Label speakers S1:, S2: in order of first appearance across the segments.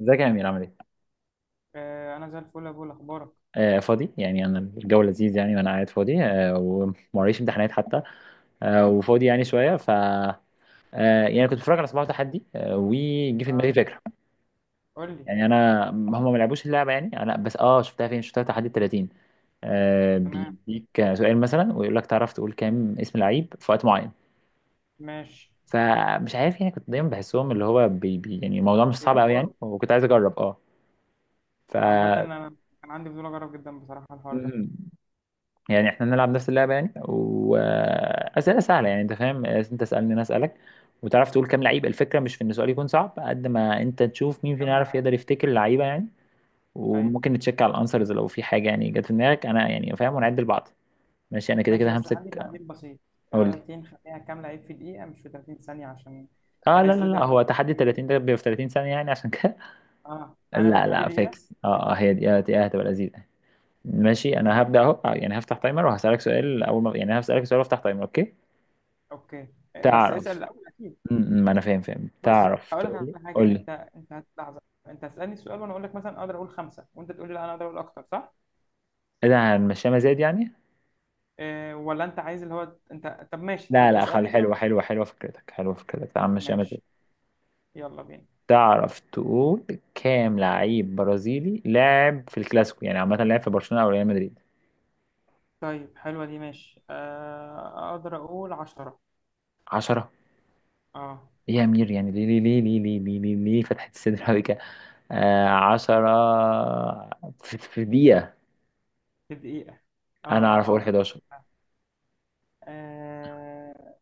S1: ازيك يا امير عامل ايه؟
S2: آه انا زي الفل يا ابو، اخبارك؟
S1: آه فاضي يعني، انا الجو لذيذ يعني وانا قاعد فاضي. وموريش امتحانات حتى. آه وفاضي يعني شويه ف آه يعني كنت بتفرج على صباح تحدي، وجي في
S2: آه
S1: دماغي فكره.
S2: قول لي.
S1: يعني انا هم ما لعبوش اللعبه، يعني انا بس شفتها فين؟ شفتها تحدي ال 30 آه
S2: تمام.
S1: بيديك سؤال مثلا، ويقول لك تعرف تقول كام اسم لعيب في وقت معين.
S2: ماشي.
S1: فمش عارف يعني، كنت دايما بحسهم اللي هو بي بي، يعني الموضوع مش
S2: في
S1: صعب قوي يعني،
S2: اخبارك؟
S1: وكنت عايز اجرب اه ف
S2: عامه انا كان عندي فضول اجرب جدا بصراحه الحوار ده
S1: يعني احنا نلعب نفس اللعبة يعني، وأسئلة سهلة يعني، انت فاهم، انت اسألني انا اسألك وتعرف تقول كام لعيب. الفكرة مش في ان السؤال يكون صعب، قد ما انت تشوف مين فينا
S2: كامله
S1: يعرف
S2: عيب.
S1: يقدر يفتكر اللعيبة يعني.
S2: ايوه
S1: وممكن نتشيك على الانسرز لو في حاجة يعني جت في دماغك، انا يعني فاهم، ونعد لبعض. ماشي انا كده
S2: ماشي،
S1: كده
S2: بس عندي
S1: همسك.
S2: تعديل بسيط. ايه
S1: اقول
S2: رايك
S1: لي.
S2: تيجي نخليها كامله عيب في دقيقه مش في 30 ثانيه؟ عشان
S1: اه، لا
S2: بحس
S1: لا
S2: 30
S1: لا، هو
S2: ثانيه
S1: تحدي
S2: دي وحشه.
S1: 30 ده بيبقى في 30 ثانية، يعني عشان كده.
S2: اه تعالى نعمل
S1: لا
S2: تحدي
S1: لا،
S2: دقيقه.
S1: فيكس. اه هي دي، آه هتبقى لذيذة. ماشي انا
S2: ماشي.
S1: هبدأ اهو. يعني هفتح تايمر وهسألك سؤال، اول ما يعني هسألك سؤال وافتح تايمر، اوكي؟
S2: اوكي. بس اسال
S1: تعرف.
S2: الاول اكيد.
S1: ما انا فاهم فاهم،
S2: بص
S1: تعرف
S2: هقول لك
S1: تقول لي،
S2: على
S1: قول
S2: حاجه.
S1: لي.
S2: انت لحظه. انت هتسالني السؤال وانا اقول لك مثلا اقدر اقول خمسه، وانت تقول لي لا انا اقدر اقول اكتر، صح؟
S1: ايه ده، هنمشيها مزاد يعني؟
S2: ولا انت عايز اللي هو انت؟ طب ماشي،
S1: لا
S2: طب
S1: لا، خلي
S2: اسألني
S1: حلوه
S2: كده.
S1: حلوه حلوه، فكرتك حلوه، فكرتك، تعال نمشيها مزاد.
S2: ماشي. يلا بينا.
S1: تعرف تقول كام لعيب برازيلي لعب في الكلاسيكو، يعني عامه لعب في برشلونه او ريال مدريد؟
S2: طيب حلوة دي، ماشي. اقدر اقول عشرة.
S1: 10؟
S2: اه.
S1: ايه يا امير يعني، ليه ليه ليه ليه ليه ليه ليه, ليه فتحت الصدر قوي كده؟ 10 في دقيقه؟
S2: في دقيقة. اه.
S1: انا اعرف اقول
S2: اقدر.
S1: 11.
S2: آه،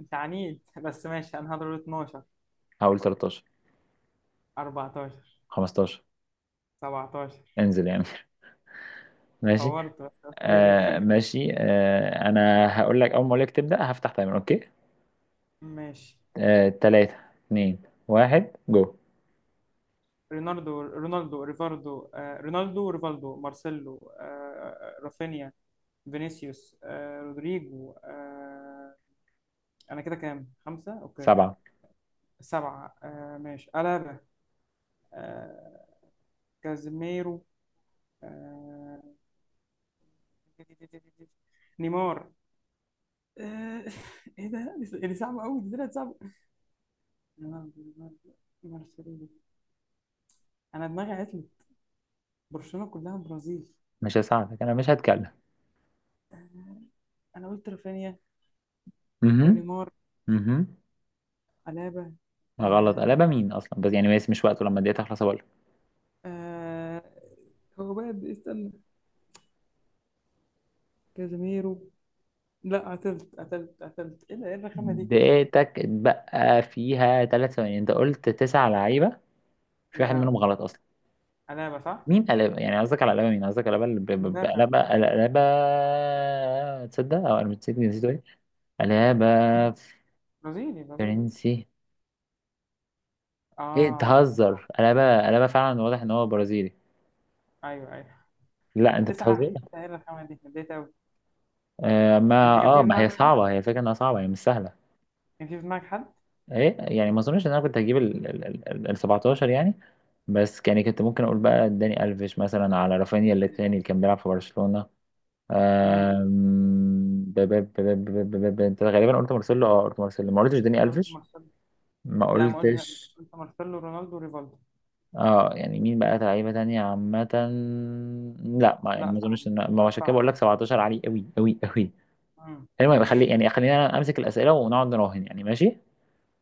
S2: انت عنيد. بس ماشي، انا هضرب 12.
S1: هقول 13.
S2: 14.
S1: 15.
S2: 17.
S1: انزل يا امير. ماشي.
S2: طورت، بس اوكي.
S1: انا هقول لك، اول ما اقول لك تبدا هفتح تايمر، اوكي؟
S2: ماشي.
S1: آه، تلاتة، اتنين، واحد، جو.
S2: رونالدو. رونالدو ريفاردو. رونالدو ريفالدو مارسيلو. آه، رافينيا. فينيسيوس. رودريجو. انا كده كام؟ خمسة. اوكي.
S1: سبعة.
S2: سبعة. ماشي. ألابا. آه. كازيميرو. آه. نيمار. آه. ايه ده؟ دي صعبة قوي، دي طلعت صعبة. رونالدو، رونالدو، مارسيلو. انا دماغي عطلت. برشلونة كلها برازيل.
S1: مش هساعدك، انا مش هتكلم.
S2: انا قلت رافينيا
S1: اها.
S2: ونيمار.
S1: اها.
S2: ألابا.
S1: غلط.
S2: آه.
S1: قلبة مين اصلا؟ بس يعني بس مش وقته، لما الدقيقة تخلص اقول لك.
S2: آه هو بقى استنى. كازيميرو. لا، قتلت قتلت قتلت. ايه ده؟ ايه الرخامة دي؟
S1: دقيقتك اتبقى فيها ثلاث ثواني، انت قلت تسع لعيبة، في
S2: يا
S1: واحد منهم
S2: لهوي.
S1: غلط اصلا.
S2: ألابا صح.
S1: مين قلبة يعني، قصدك على قلبة مين؟ قصدك على قلبة اللي ب- ب- ب-
S2: مدافع.
S1: قلبة قلبة. تصدق او انا نسيت، ايه قلبة.
S2: برازيلي برازيلي.
S1: فرنسي. ايه
S2: اه. آه،
S1: بتهزر، انا بقى فعلا واضح ان هو برازيلي.
S2: ايوه ايوه.
S1: لا انت
S2: تسعة؟
S1: بتهزر.
S2: ايه التأهيل الرخامة دي؟ اتضايقت قوي.
S1: آه
S2: انت
S1: ما
S2: كان في
S1: اه
S2: في
S1: ما هي
S2: دماغك حد؟
S1: صعبه، هي الفكره انها صعبه، هي مش سهله.
S2: كان في دماغك حد؟
S1: ايه يعني، ما اظنش ان انا كنت هجيب ال 17 يعني. بس يعني كنت ممكن اقول بقى داني الفيش مثلا، على رافينيا اللي التاني اللي كان بيلعب في برشلونه.
S2: امم
S1: آم، ب- ب- ب- ب- ب- ب- ب- ب- انت غالبا قلت مارسيلو، اه قلت مارسيلو، ما قلتش داني
S2: قلت
S1: الفيش.
S2: مارسيلو.
S1: ما
S2: لا ما قلتش.
S1: قلتش.
S2: قلت مارسيلو رونالدو ريفالدو.
S1: اه يعني مين بقى لعيبة تانية عامة. لا ما يعني
S2: لا
S1: ما اظنش
S2: صعب.
S1: ان ما،
S2: سؤال
S1: عشان كده
S2: صعب.
S1: بقول لك 17 عالي قوي قوي قوي. المهم خلي
S2: ماشي.
S1: يعني، خلينا انا امسك الأسئلة ونقعد نراهن يعني، ماشي.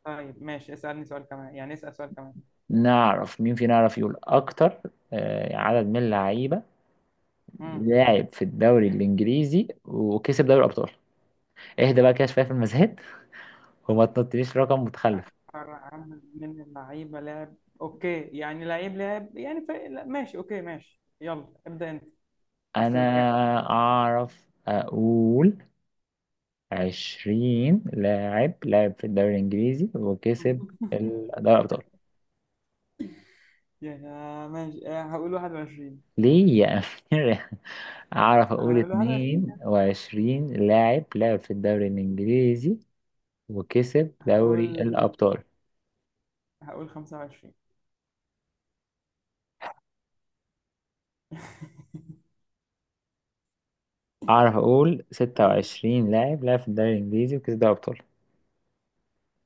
S2: طيب ماشي، اسألني سؤال كمان، يعني اسأل سؤال كمان.
S1: نعرف مين فينا يعرف يقول اكتر. آه، عدد من اللعيبة
S2: امم
S1: لاعب في الدوري الانجليزي وكسب دوري الابطال. اهدى بقى كده شوية في المزاد. وما تنطليش رقم متخلف.
S2: أكثر عدد من اللعيبة لعب. اوكي، يعني لعيب لعب يعني فريق؟ لا، ماشي اوكي ماشي. يلا ابدأ انت. عايز
S1: انا
S2: تقول كام؟
S1: اعرف اقول 20 لاعب لعب في الدوري الانجليزي وكسب دوري الابطال.
S2: يعني ماشي. هقول 21.
S1: ليه يا أمير؟ أعرف أقول
S2: انا هقول 21.
S1: 22 لاعب لعب في الدوري الإنجليزي وكسب دوري
S2: هقول
S1: الأبطال.
S2: هقول 25.
S1: أعرف أقول
S2: انت
S1: 26 لاعب لعب في الدوري الإنجليزي وكسب دوري الأبطال.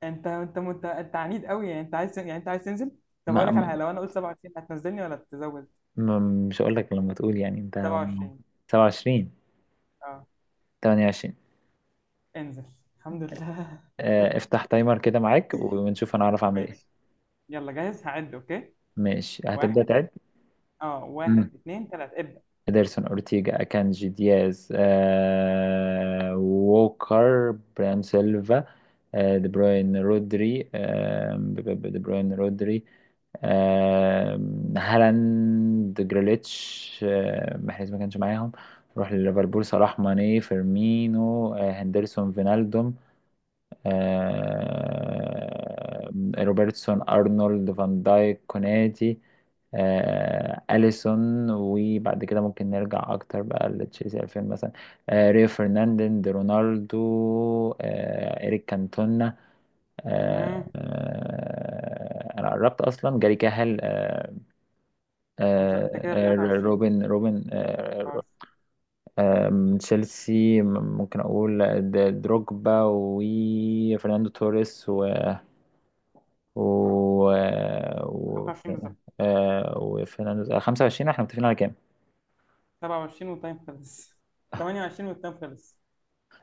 S2: انت انت عنيد قوي يعني، انت عايز يعني انت عايز تنزل. طب اقول
S1: ما
S2: لك على حاجه،
S1: ما-
S2: لو انا قلت 27 هتنزلني ولا تزود؟
S1: ما- مش هقول لك، لما تقول يعني أنت.
S2: 27.
S1: 27.
S2: اه.
S1: 28.
S2: انزل. الحمد لله.
S1: آه، افتح تايمر كده معاك ونشوف أنا أعرف أعمل
S2: ماشي.
S1: إيه.
S2: يلا جاهز هعد اوكي.
S1: ماشي، هتبدأ
S2: واحد.
S1: تعد.
S2: اه واحد اتنين تلاته ابدا.
S1: إدرسون، أورتيجا، أكانجي، دياز، آه، ووكر، برام، سيلفا، آه دي بروين، رودري، آه، هالاند، جريليتش، آه محرز ما كانش معاهم. روح لليفربول، صلاح، ماني، فيرمينو، آه هندرسون، فينالدوم، آه، روبرتسون، ارنولد، فان دايك، كوناتي، آه، اليسون. وبعد كده ممكن نرجع اكتر بقى لتشيلسي 2000 مثلا. آه، ريو فرناندين دي، رونالدو، آه، اريك كانتونا، آه،
S2: امم
S1: آه، انا قربت اصلا. جاري كاهل، آه،
S2: خمسه. انت
S1: آه،
S2: كده
S1: آه،
S2: 23.
S1: روبن،
S2: 24.
S1: آه، من تشيلسي ممكن اقول آه، دروجبا وفرناندو توريس، و و
S2: 25 بالظبط.
S1: آه، وفي 25. احنا متفقين على كام؟
S2: 27 والتايم خلص. 28 والتايم خلص.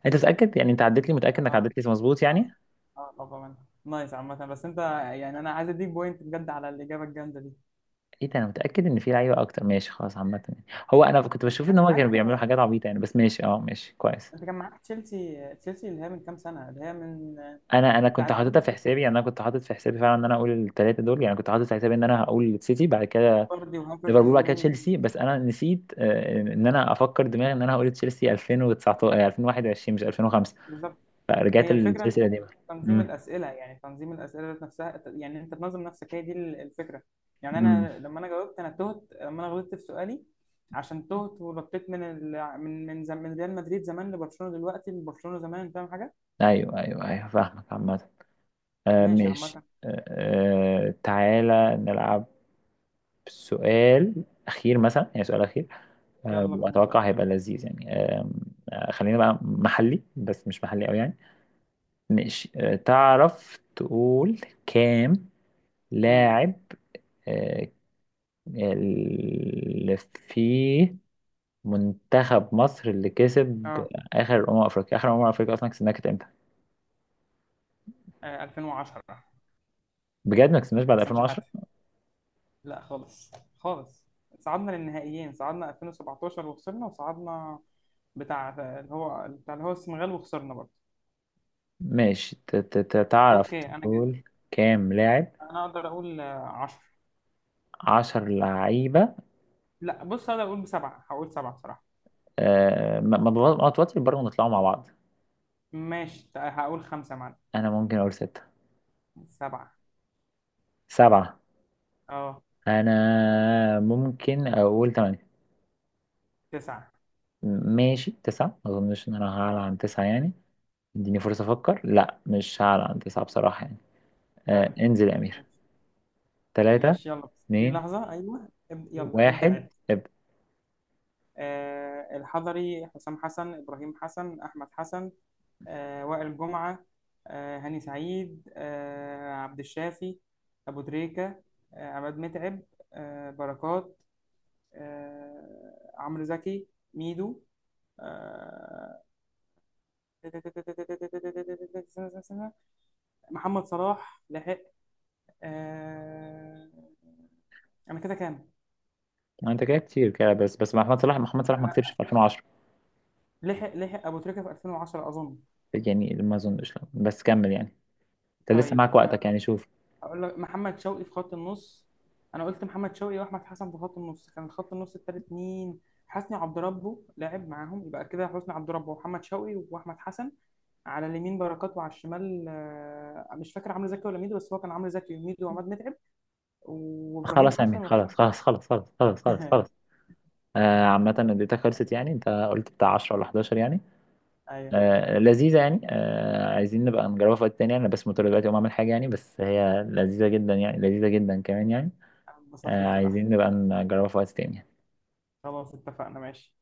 S1: انت متأكد يعني، انت عدت لي متأكد انك
S2: اه.
S1: عدت لي مظبوط
S2: اه.
S1: يعني؟
S2: اه طبعا. نايس عامة، بس انت يعني انا عايز اديك بوينت بجد على الاجابة الجامدة دي.
S1: ايه ده، انا متأكد ان في لعيبة اكتر، ماشي خلاص عامة يعني. هو انا كنت
S2: انت
S1: بشوف ان
S2: كان
S1: هم
S2: معاك
S1: كانوا بيعملوا حاجات عبيطة يعني، بس ماشي، اه ماشي كويس.
S2: انت كان معاك تشيلسي. تشيلسي اللي هي من كام سنه، اللي هي من
S1: انا كنت
S2: بتاعه
S1: حاططها
S2: توماس
S1: في
S2: توخل.
S1: حسابي يعني، انا كنت حاطط في حسابي فعلا ان انا اقول الثلاثة دول يعني، كنت حاطط في حسابي ان انا هقول سيتي بعد كده،
S2: فاردي وهافرتز
S1: ليفربول بعد كده،
S2: ومندي.
S1: تشيلسي. بس انا نسيت، آه، ان انا افكر دماغي ان انا هقول تشيلسي 2019، آه، 2021، مش 2005.
S2: بالظبط.
S1: فرجعت
S2: هي الفكره
S1: لتشيلسي
S2: انه
S1: القديمة.
S2: تنظيم الاسئله، يعني تنظيم الاسئله ذات نفسها، يعني انت تنظم نفسك، هي دي الفكره. يعني
S1: امم.
S2: انا لما انا جاوبت انا تهت، لما انا غلطت في سؤالي عشان تهت ونطيت من ال... من من, زم... من ريال مدريد زمان لبرشلونه دلوقتي لبرشلونه زمان، فاهم حاجه؟
S1: ايوه ايوه ايوه فاهمك عامة. آه
S2: ماشي
S1: ماشي
S2: عامه.
S1: آه.
S2: اوكي.
S1: آه، تعالى نلعب سؤال اخير مثلا يعني، سؤال اخير. آه
S2: يلا بينا سؤال.
S1: واتوقع هيبقى لذيذ يعني آه. آه، خلينا بقى محلي بس مش محلي قوي يعني. ماشي آه، تعرف تقول كام
S2: مم.
S1: لاعب آه اللي في منتخب مصر اللي كسب
S2: اه.
S1: اخر افريقيا؟ اخر افريقيا اصلا كسبناها كانت امتى؟
S2: 2010.
S1: بجد، ما كسبناش بعد
S2: حسن
S1: 2010؟
S2: شحاته. لا خالص. خالص. صعدنا للنهائيين، صعدنا 2017 وخسرنا، وصعدنا بتاع اللي هو بتاع اللي هو السنغال وخسرنا برضه.
S1: ماشي، تعرف
S2: اوكي انا جد.
S1: تقول كام لاعب؟
S2: انا اقدر اقول 10.
S1: عشر لعيبة.
S2: لا بص اقدر اقول بسبعة، هقول سبعة بصراحة.
S1: آه ما ما بغ- ما توتر برضه، نطلعوا مع بعض.
S2: ماشي. هقول خمسة معنا.
S1: أنا ممكن أقول ستة.
S2: سبعة.
S1: سبعة.
S2: اه.
S1: أنا ممكن أقول تمانية.
S2: تسعة.
S1: ماشي تسعة، ما أظنش إن أنا هعلى
S2: اه.
S1: عن تسعة يعني. اديني فرصة أفكر. لا، مش هعلى عن تسعة بصراحة يعني. آه
S2: طيب
S1: انزل يا أمير. تلاتة،
S2: ماشي ماشي، يلا بس اديني
S1: اتنين،
S2: لحظة. ايوه يلا ابدأ
S1: واحد،
S2: عد.
S1: ابدأ.
S2: آه الحضري حسام حسن ابراهيم حسن احمد حسن. وائل جمعة. هاني سعيد. عبد الشافي. أبو تريكة. عماد متعب. بركات. عمرو زكي. ميدو. آه. محمد صلاح لحق. آه. أنا كده كام؟
S1: ما أنت كده كتير كده، بس بس محمد صلاح، محمد صلاح ما
S2: أنا
S1: كسبش في 2010.
S2: لحق لحق أبو تريكة في 2010 أظن.
S1: يعني ما أظنش، لا. بس كمل يعني، انت لسه
S2: طيب،
S1: معاك وقتك يعني شوف.
S2: هقول لك محمد شوقي في خط النص. انا قلت محمد شوقي واحمد حسن في خط النص، كان خط النص التالت مين؟ حسني عبد ربه لعب معاهم، يبقى كده حسني عبد ربه ومحمد شوقي واحمد حسن. على اليمين بركات وعلى الشمال، مش فاكر عمرو زكي ولا ميدو، بس هو كان عمرو زكي وميدو وعماد متعب وابراهيم
S1: خلاص يا امير،
S2: حسن وحسام
S1: خلاص خلاص خلاص خلاص خلاص خلاص خلاص.
S2: حسن.
S1: آه عامة اديتها خلصت
S2: ايوه.
S1: يعني، انت قلت بتاع 10 ولا 11 يعني.
S2: أيوة.
S1: آه لذيذة يعني، آه عايزين نبقى نجربها في وقت تاني يعني. انا بس مضطر دلوقتي اقوم اعمل حاجة يعني، بس هي لذيذة جدا يعني، لذيذة جدا كمان يعني.
S2: أنا انبسطت
S1: آه عايزين
S2: بصراحه.
S1: نبقى نجربها في وقت تاني.
S2: خلاص اتفقنا ماشي.